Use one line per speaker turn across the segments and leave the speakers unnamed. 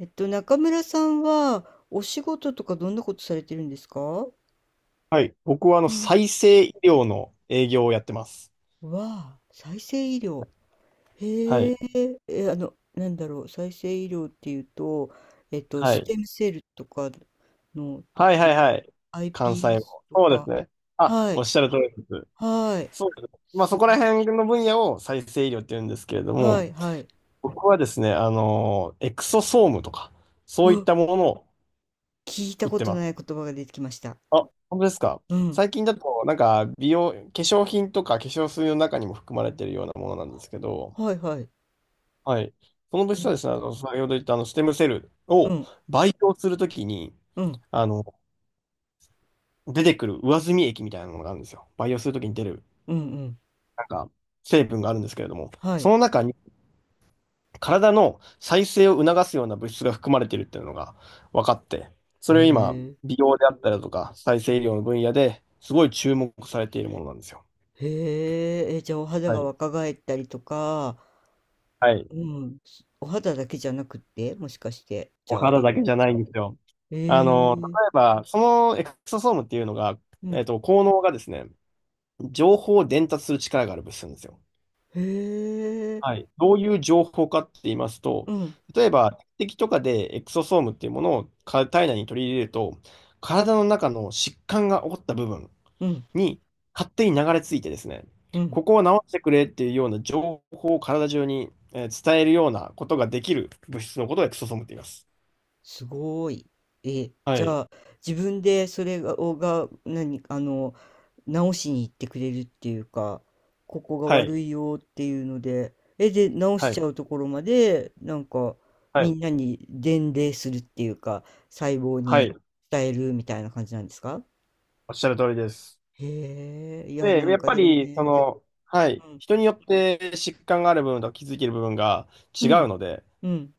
中村さんは、お仕事とかどんなことされてるんですか？
はい。僕は
うん、
再生医療の営業をやってます。
わあ、再生医療。
は
へ
い。
え、え、なんだろう、再生医療っていうと、
は
ス
い。
テムセルとかの、と
はいは
か、
いはい。関西
iPS
を。
と
そうです
か、
ね。あ、
は
おっ
い、
しゃる通りです。
はい、
そうです。まあ
す、
そこら辺の分野を再生医療って言うんですけれど
は
も、
い、はい。
僕はですね、エクソソームとか、そうい
う
っ
わ、
たものを
聞い
売
た
っ
こ
て
と
ま
ない
す。
言葉が出てきました。
あ、本当ですか。
うん、
最近だと、なんか、美容、化粧品とか化粧水の中にも含まれているようなものなんですけど、
はい、はい。
はい。その物質はです
え、
ね、先ほど言ったステムセル
う
を
ん、
培養するときに、
うん、
あの、出てくる上澄み液みたいなものがあるんですよ。培養するときに出る、
うん、うん、
なんか、成分があるんですけれども、
は
そ
い。
の中に体の再生を促すような物質が含まれているっていうのが分かって、
へ
それを今、
え。
美容であったりだとか、再生医療の分野ですごい注目されているものなんですよ。
へえ、え、じゃあお肌
は
が
い。
若返ったりとか、
はい。
うん、お肌だけじゃなくって、もしかして、じ
お
ゃあ
肌だ
色
け
も、
じゃないんですよ。
え
あの、例
え、
えば、そのエクソソームっていうのが、
うん、
効能がですね、情報を伝達する力がある物質なんですよ。
へえ、
はい。どういう情報かって言いますと、
うん、
例えば、敵とかでエクソソームっていうものをか体内に取り入れると、体の中の疾患が起こった部分
うん、
に勝手に流れ着いてですね、
うん。
ここを治してくれっていうような情報を体中に伝えるようなことができる物質のことをエクソソームって言います。
すごーい。え、
は
じ
い。
ゃあ、自分でそれが、をが、何、直しに行ってくれるっていうか、ここが
はい。
悪いよっていうので、え、で、直し
は
ち
い。
ゃうところまで、なんか、
は
み
い。
んなに伝令するっていうか、細胞
は
に
い。
伝えるみたいな感じなんですか？
おっしゃる通りです。
へえ、いや、
で、
な
や
ん
っ
か
ぱ
でも
り、そ
ね、
の、はい、
うん、
人によって疾患がある部分と気づける部分が
う
違
ん、
うので、
うん、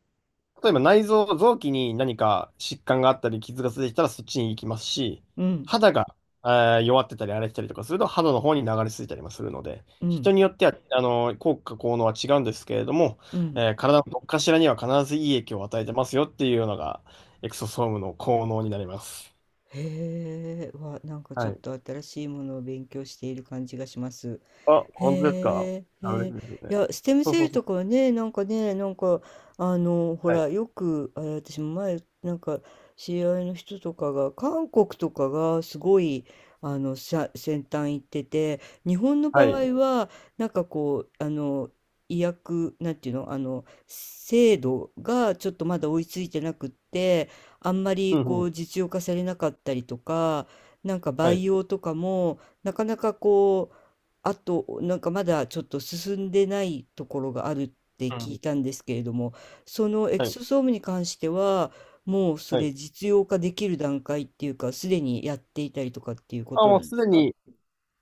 例えば内臓、臓器に何か疾患があったり、傷がついてきたらそっちに行きますし、
うん、
肌が、え弱ってたり荒れてたりとかすると肌の方に流れ着いたりもするので、
う
人
ん、
によっては、あの、効果、効能は違うんですけれども、
うん。
体のどっかしらには必ずいい影響を与えてますよっていうのが、エクソソームの効能になります。
へえ、わ、なんかちょ
は
っ
い。
と新しいものを勉強している感じがします。
あ、
へ
本当ですか。
え、
あ、
へ
嬉し
え、
いですね。
いや、ステム
そう
セー
そう
ル
そう。
とかはね、なんかね、なんか、ほ
は
ら、
い。
よく、あれ、私も前、なんか、知り合いの人とかが、韓国とかがすごい、先端行ってて、日本の
は
場
い。
合は、なんかこう、医薬、なんていうの、制度がちょっとまだ追いついてなくって、あんま
う
り
ん
こ
うん。
う、実用化されなかったりとか、なんか
は
培
い。
養とかも、なかなかこう、あと、なんかまだちょっと進んでないところがあるって
う
聞い
ん。
たんですけれども、そのエ
は
ク
い。
ソソームに関しては、もうそ
は
れ
い。
実用化できる段階っていうか、すでにやっていたりとかっていうこ
あ、
と
も
な
う
んで
す
す
で
か？
に、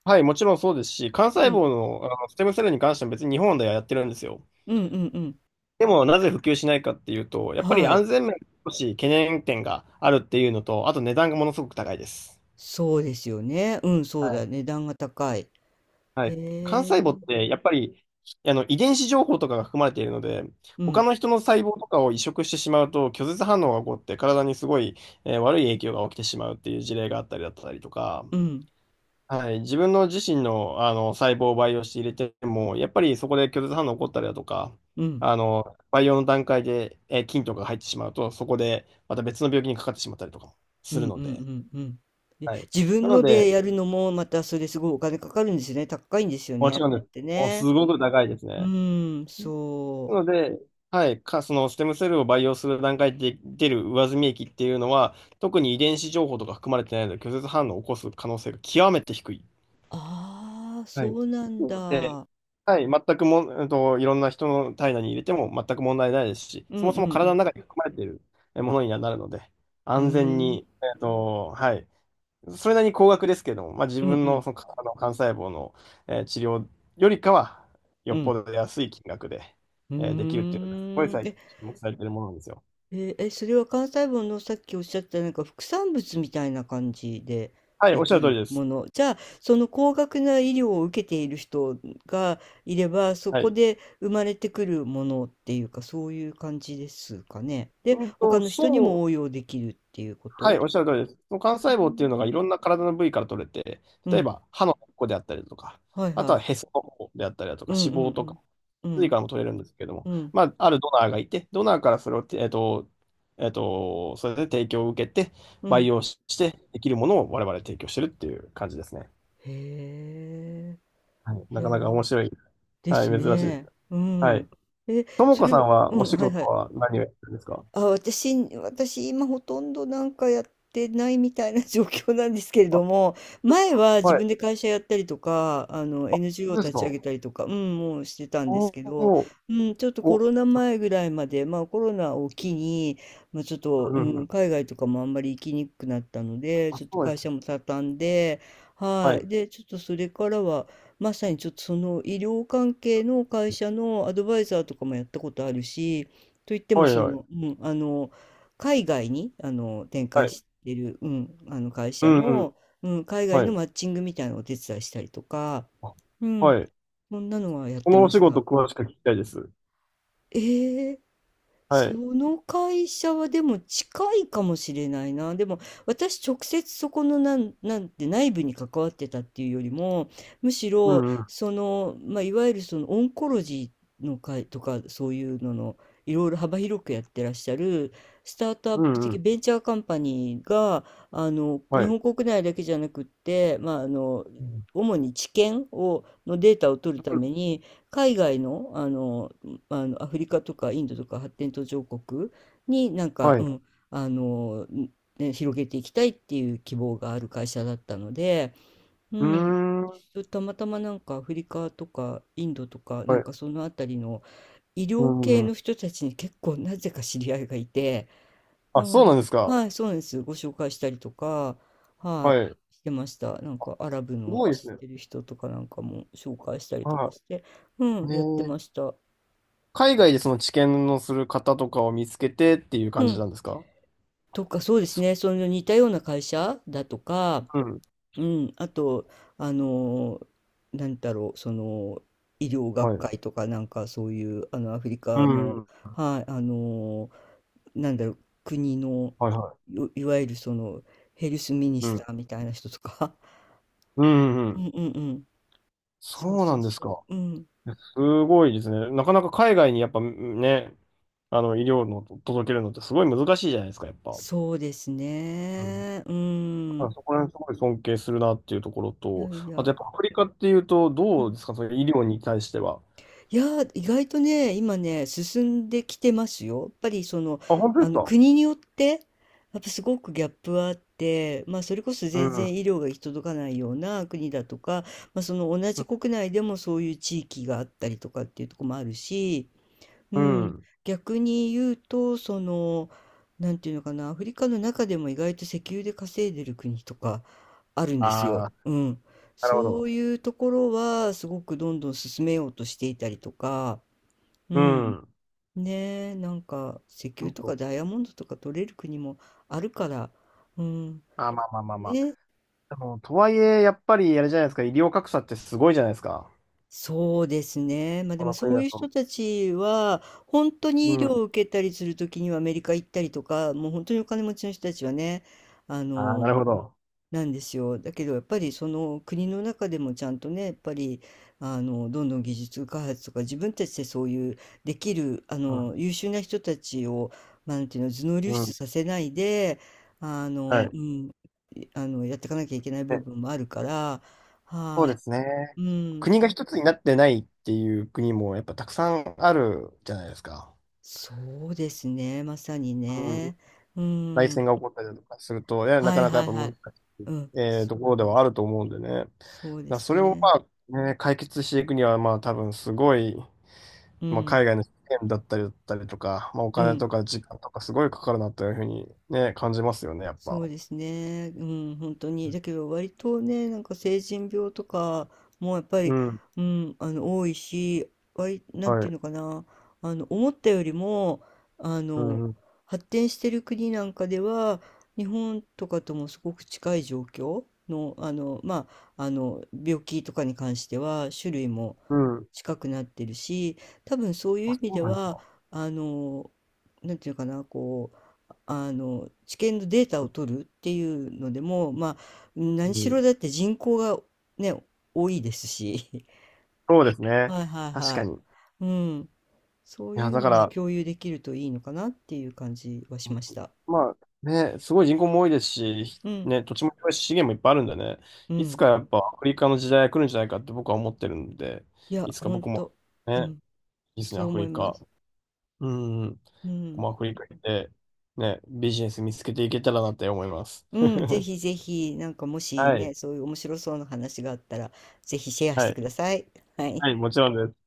はい、もちろんそうですし、幹
う
細
ん。
胞の、あのステムセルに関しては別に日本ではやってるんですよ。
うんうんうん。
でも、なぜ普及しないかっていうと、やっぱり
はい。
安全面、少し懸念点があるっていうのと、あと値段がものすごく高いです。
そうですよね。うん、そう
はい。
だね。値段が高い。へ
はい。幹
え。
細胞って、やっぱり、遺伝子情報とかが含まれているので、
う
他
ん、
の人の細胞とかを移植してしまうと、拒絶反応が起こって、体にすごい、悪い影響が起きてしまうっていう事例があったりだったりとか、
うん、うん、
はい、自分の自身の、あの細胞を培養して入れても、やっぱりそこで拒絶反応起こったりだとか、
うん、
あの培養の段階で、菌とかが入ってしまうと、そこでまた別の病気にかかってしまったりとかも
う
する
ん、う
ので、
ん、うん。で、
はい、
自
な
分
の
の
で、
でやるのもまたそれすごいお金かかるんですよね。高いんですよ
も
ね、
ち
あ
ろん
れ
で
っ
す。
て
もうす
ね。
ごく高いです
う
ね。
ーん、
な
そう。
ので、はい、か、そのステムセルを培養する段階で出る上澄み液っていうのは、特に遺伝子情報とか含まれてないので、拒絶反応を起こす可能性が極めて低い。
ああ、
は
そ
い。
うなん
なので、
だ。
はい、全くも、いろんな人の体内に入れても全く問題ないですし、
うん
そもそ
う
も
んう
体
ん。
の中に含まれているえものにはなるので、
うー
安全
ん。
に、はい、それなりに高額ですけども、まあ、自
うん
分
う
の
ん。
その体の幹細胞の、治療よりかは、よ
う
っぽ
ん。
ど安い金額で、
う
できるっていうのが、すごい
ーん。
最
え、
近注目されているものなんですよ。
えーえそれは関西文のさっきおっしゃったなんか副産物みたいな感じで
はい、
で
おっしゃ
き
る通り
る
で
も
す。
の。じゃあ、その高額な医療を受けている人がいれば、そ
は
こ
い。
で生まれてくるものっていうか、そういう感じですかね。で、
うん
他
と、
の人に
そ
も
う
応用できるっていうこ
はい、
と。
おっしゃる通りです。その幹
うー
細胞っていうのがい
ん。
ろんな体の部位から取れて、
う
例え
ん。
ば歯の根っこであったりだとか、
はい
あと
は
はへ
い。
その方であったりだと
う
か、
ん
脂
うん
肪
う
とか、
ん。う
髄
ん、
からも取れるんですけれども、
うん、
まあ、あるドナーがいて、ドナーからそれをて、それで提供を受けて、
う
培
ん。
養してできるものを我々提供してるっていう感じですね。
へえ。
はい、
い
な
や
かなか
ー、
面白い。
で
は
す
い、珍しいです。
ね。う
はい。
ん。え、
とも
そ
こ
れ
さ
う
んはお
ん、
仕
はい
事
はい。
は何をやってるんですか？
あ、私今ほとんどなんかやってないみたいな 状況なんですけれ
あ、
ども、
そうです
前は
か
自
はい。
分で会社やったりとか、あの NGO を
そうです
立ち上
か。
げたりとか、うん、もうしてたんで
お
す
ー
けど、
おー、
うん、ちょっとコ
お、
ロナ前ぐらいまで、まあコロナを機に、まあ、ちょっ
う
と、う
んうんう
ん、
ん。
海外とかもあんまり行きにくくなったので、
あ、
ちょっと
そうで
会
す
社
ね。
も畳んで、
は
はい。
い。
で、ちょっとそれからは、まさにちょっとその医療関係の会社のアドバイザーとかもやったことあるし、といっても
はい
そ
は
の、
い。
うん、海外に展
は
開
い。
してる、うん、あの会
う
社
んうん。
の、うん、海外
は
の
い。
マッチングみたいなのをお手伝いしたりとか、
あ
うん、
はい。
そんなのはやっ
そ
て
のお
ま
仕
し
事
た。
詳しく聞きたいです。
えー
は
そ
い。
の会社はでも近いかもしれないな。でも私直接そこのなんて内部に関わってたっていうよりも、むし
う
ろ
んうん。
その、まあ、いわゆるそのオンコロジーの会とかそういうののいろいろ幅広くやってらっしゃるスタートアッ
う
プ
んう
的
ん。
ベンチャーカンパニーが、
は
日
い。
本国内だけじゃなくって、まあ、
うん
主に治験を、のデータを取るために、海外の、アフリカとかインドとか発展途上国になんか、
はい。
う
う
ん、あの、ね、広げていきたいっていう希望がある会社だったので、う
ー
ん、
ん。
私たまたまなんかアフリカとかインドとかな
は
ん
い。
かそのあたりの医
う
療
ん
系
うん。
の人たちに結構なぜか知り合いがいて、う
あ、そうなん
ん、
ですか。
はい、そうなんです。ご紹介したりとか、は
はい。す
い、してました。なんかアラブの
ごいです
知っ
ね。
てる人とかなんかも紹介したりとか
は
して、う
い。
ん、
ね
やってまし
え、
た。
海外でその治験のする方とかを見つけてっていう
う
感じ
ん。
なんですか？
とか、そうです
そ
ね。その似たような会社だとか、
うん。
うん、あと、あの、なんだろう、その、医療
は
学
い。
会とか、なんかそういう、アフリ
う
カ
ん
の、
うん。
はい、なんだろう、国の、
はいは
いわゆるその、ヘルスミニ
い。う
スタ
ん。
ーみたいな人とか、
うんうんう
うん
ん。
うんうん。そう
そうな
そう
んです
そ
か。
う。うん。
すごいですね。なかなか海外にやっぱね、あの、医療の届けるのってすごい難しいじゃないですか、やっぱ。
そうです
うん、
ね。う
あ
ん。
そこら辺すごい尊敬するなっていうところ
い
と、
やい
あとや
や。
っぱアフリカっていうと、
う
どう
ん、
ですか、その医療に対しては。
いやー、意外とね、今ね、進んできてますよ。やっぱりその、
あ、本当ですか？
国によって、やっぱすごくギャップはあって、まあそれこそ
う
全然
ん。
医療が行き届かないような国だとか、まあその同じ国内でもそういう地域があったりとかっていうところもあるし、う
う
ん、
ん。
逆に言うと、その、なんていうのかな、アフリカの中でも意外と石油で稼いでる国とかあるんです
あ
よ。
あ、
うん。
なるほ
そう
ど。
いうところは、すごくどんどん進めようとしていたりとか、う
う
ん。
ん。
ねえ、なんか、石油
そ
とか
う
ダイヤモンドとか取れる国もあるから、うん。
あ、まあまあまあまあ。
ね、
でも、とはいえ、やっぱり、あれじゃないですか、医療格差ってすごいじゃないですか。
そうですね。まあで
こ
も
の
そ
国
う
だ
いう人
と。
たちは、本当
う
に医療
ん。
を受けたりするときにはアメリカ行ったりとか、もう本当にお金持ちの人たちはね、あ
ああ、な
の、
るほど。
なんですよ。だけどやっぱりその国の中でもちゃんとね、やっぱり、どんどん技術開発とか自分たちでそういうできる、
うん。
優秀な人たちを、まあ、なんていうの、頭脳流
う
出
ん。
させないで、
は
う
い。
ん、いあの、やっていかなきゃいけない部
ね、
分もあるから、
そうで
は
すね。
い。うん。
国が一つになってないっていう国もやっぱたくさんあるじゃないですか。
そうですね、まさに
うん。
ね。う
内
ん。
戦が起こったりだとかすると、いや、な
は
か
い
なかや
は
っ
い
ぱ
は
難
い。
しい、
うん。そ
ところ
う
で
ん、
はあると思うんでね。だか
そうで
ら
す
それを
ね。
まあ、ね、解決していくには、まあ多分すごい、
う
まあ、
ん、
海外の資源だったりだったりとか、まあ、お
う
金
ん。
とか時間とかすごいかかるなというふうにね、感じますよね、やっ
そ
ぱ。
うですね。うん、本当に。だけど割とね、なんか成人病とかもやっぱ
う
り、
ん。
うん、多いし、割、なんて
は
いう
い。
のかな、思ったよりも、あ
う
の、
ん。
発展してる国なんかでは、日本とかともすごく近い状況の、病気とかに関しては、種類も
うん。
近くなってるし、多分そう
あ、
いう意
そ
味
う
で
なんです
は、
か。
あの、なんていうかな、こう、あの治験のデータを取るっていうのでも、まあ、
う
何し
ん。
ろだって人口がね、多いですし、
そうですね。
はいはい
確
は
か
い。
に。い
うん、そうい
や、
う
だか
のは
ら、
共有できるといいのかなっていう感じはしました。
まあね、すごい人口も多いですし、
うん、
ね、土地も広いし資源もいっぱいあるんでね、
う
いつ
ん。
かやっぱアフリカの時代が来るんじゃないかって僕は思ってるんで、
いや、
いつか
本
僕も
当う
ね、
ん、
いつに
そう
アフ
思い
リ
ま
カ、
す。
うん、
う
僕
ん、
もアフリカ行って、ね、ビジネス見つけていけたらなって思います。
うん、ぜひぜひ、なんかもし
は
ね、
い、
そういう面白そうな話があったら、ぜひシェアし
は
てく
い、
ださい。はい。
はい、もちろんです。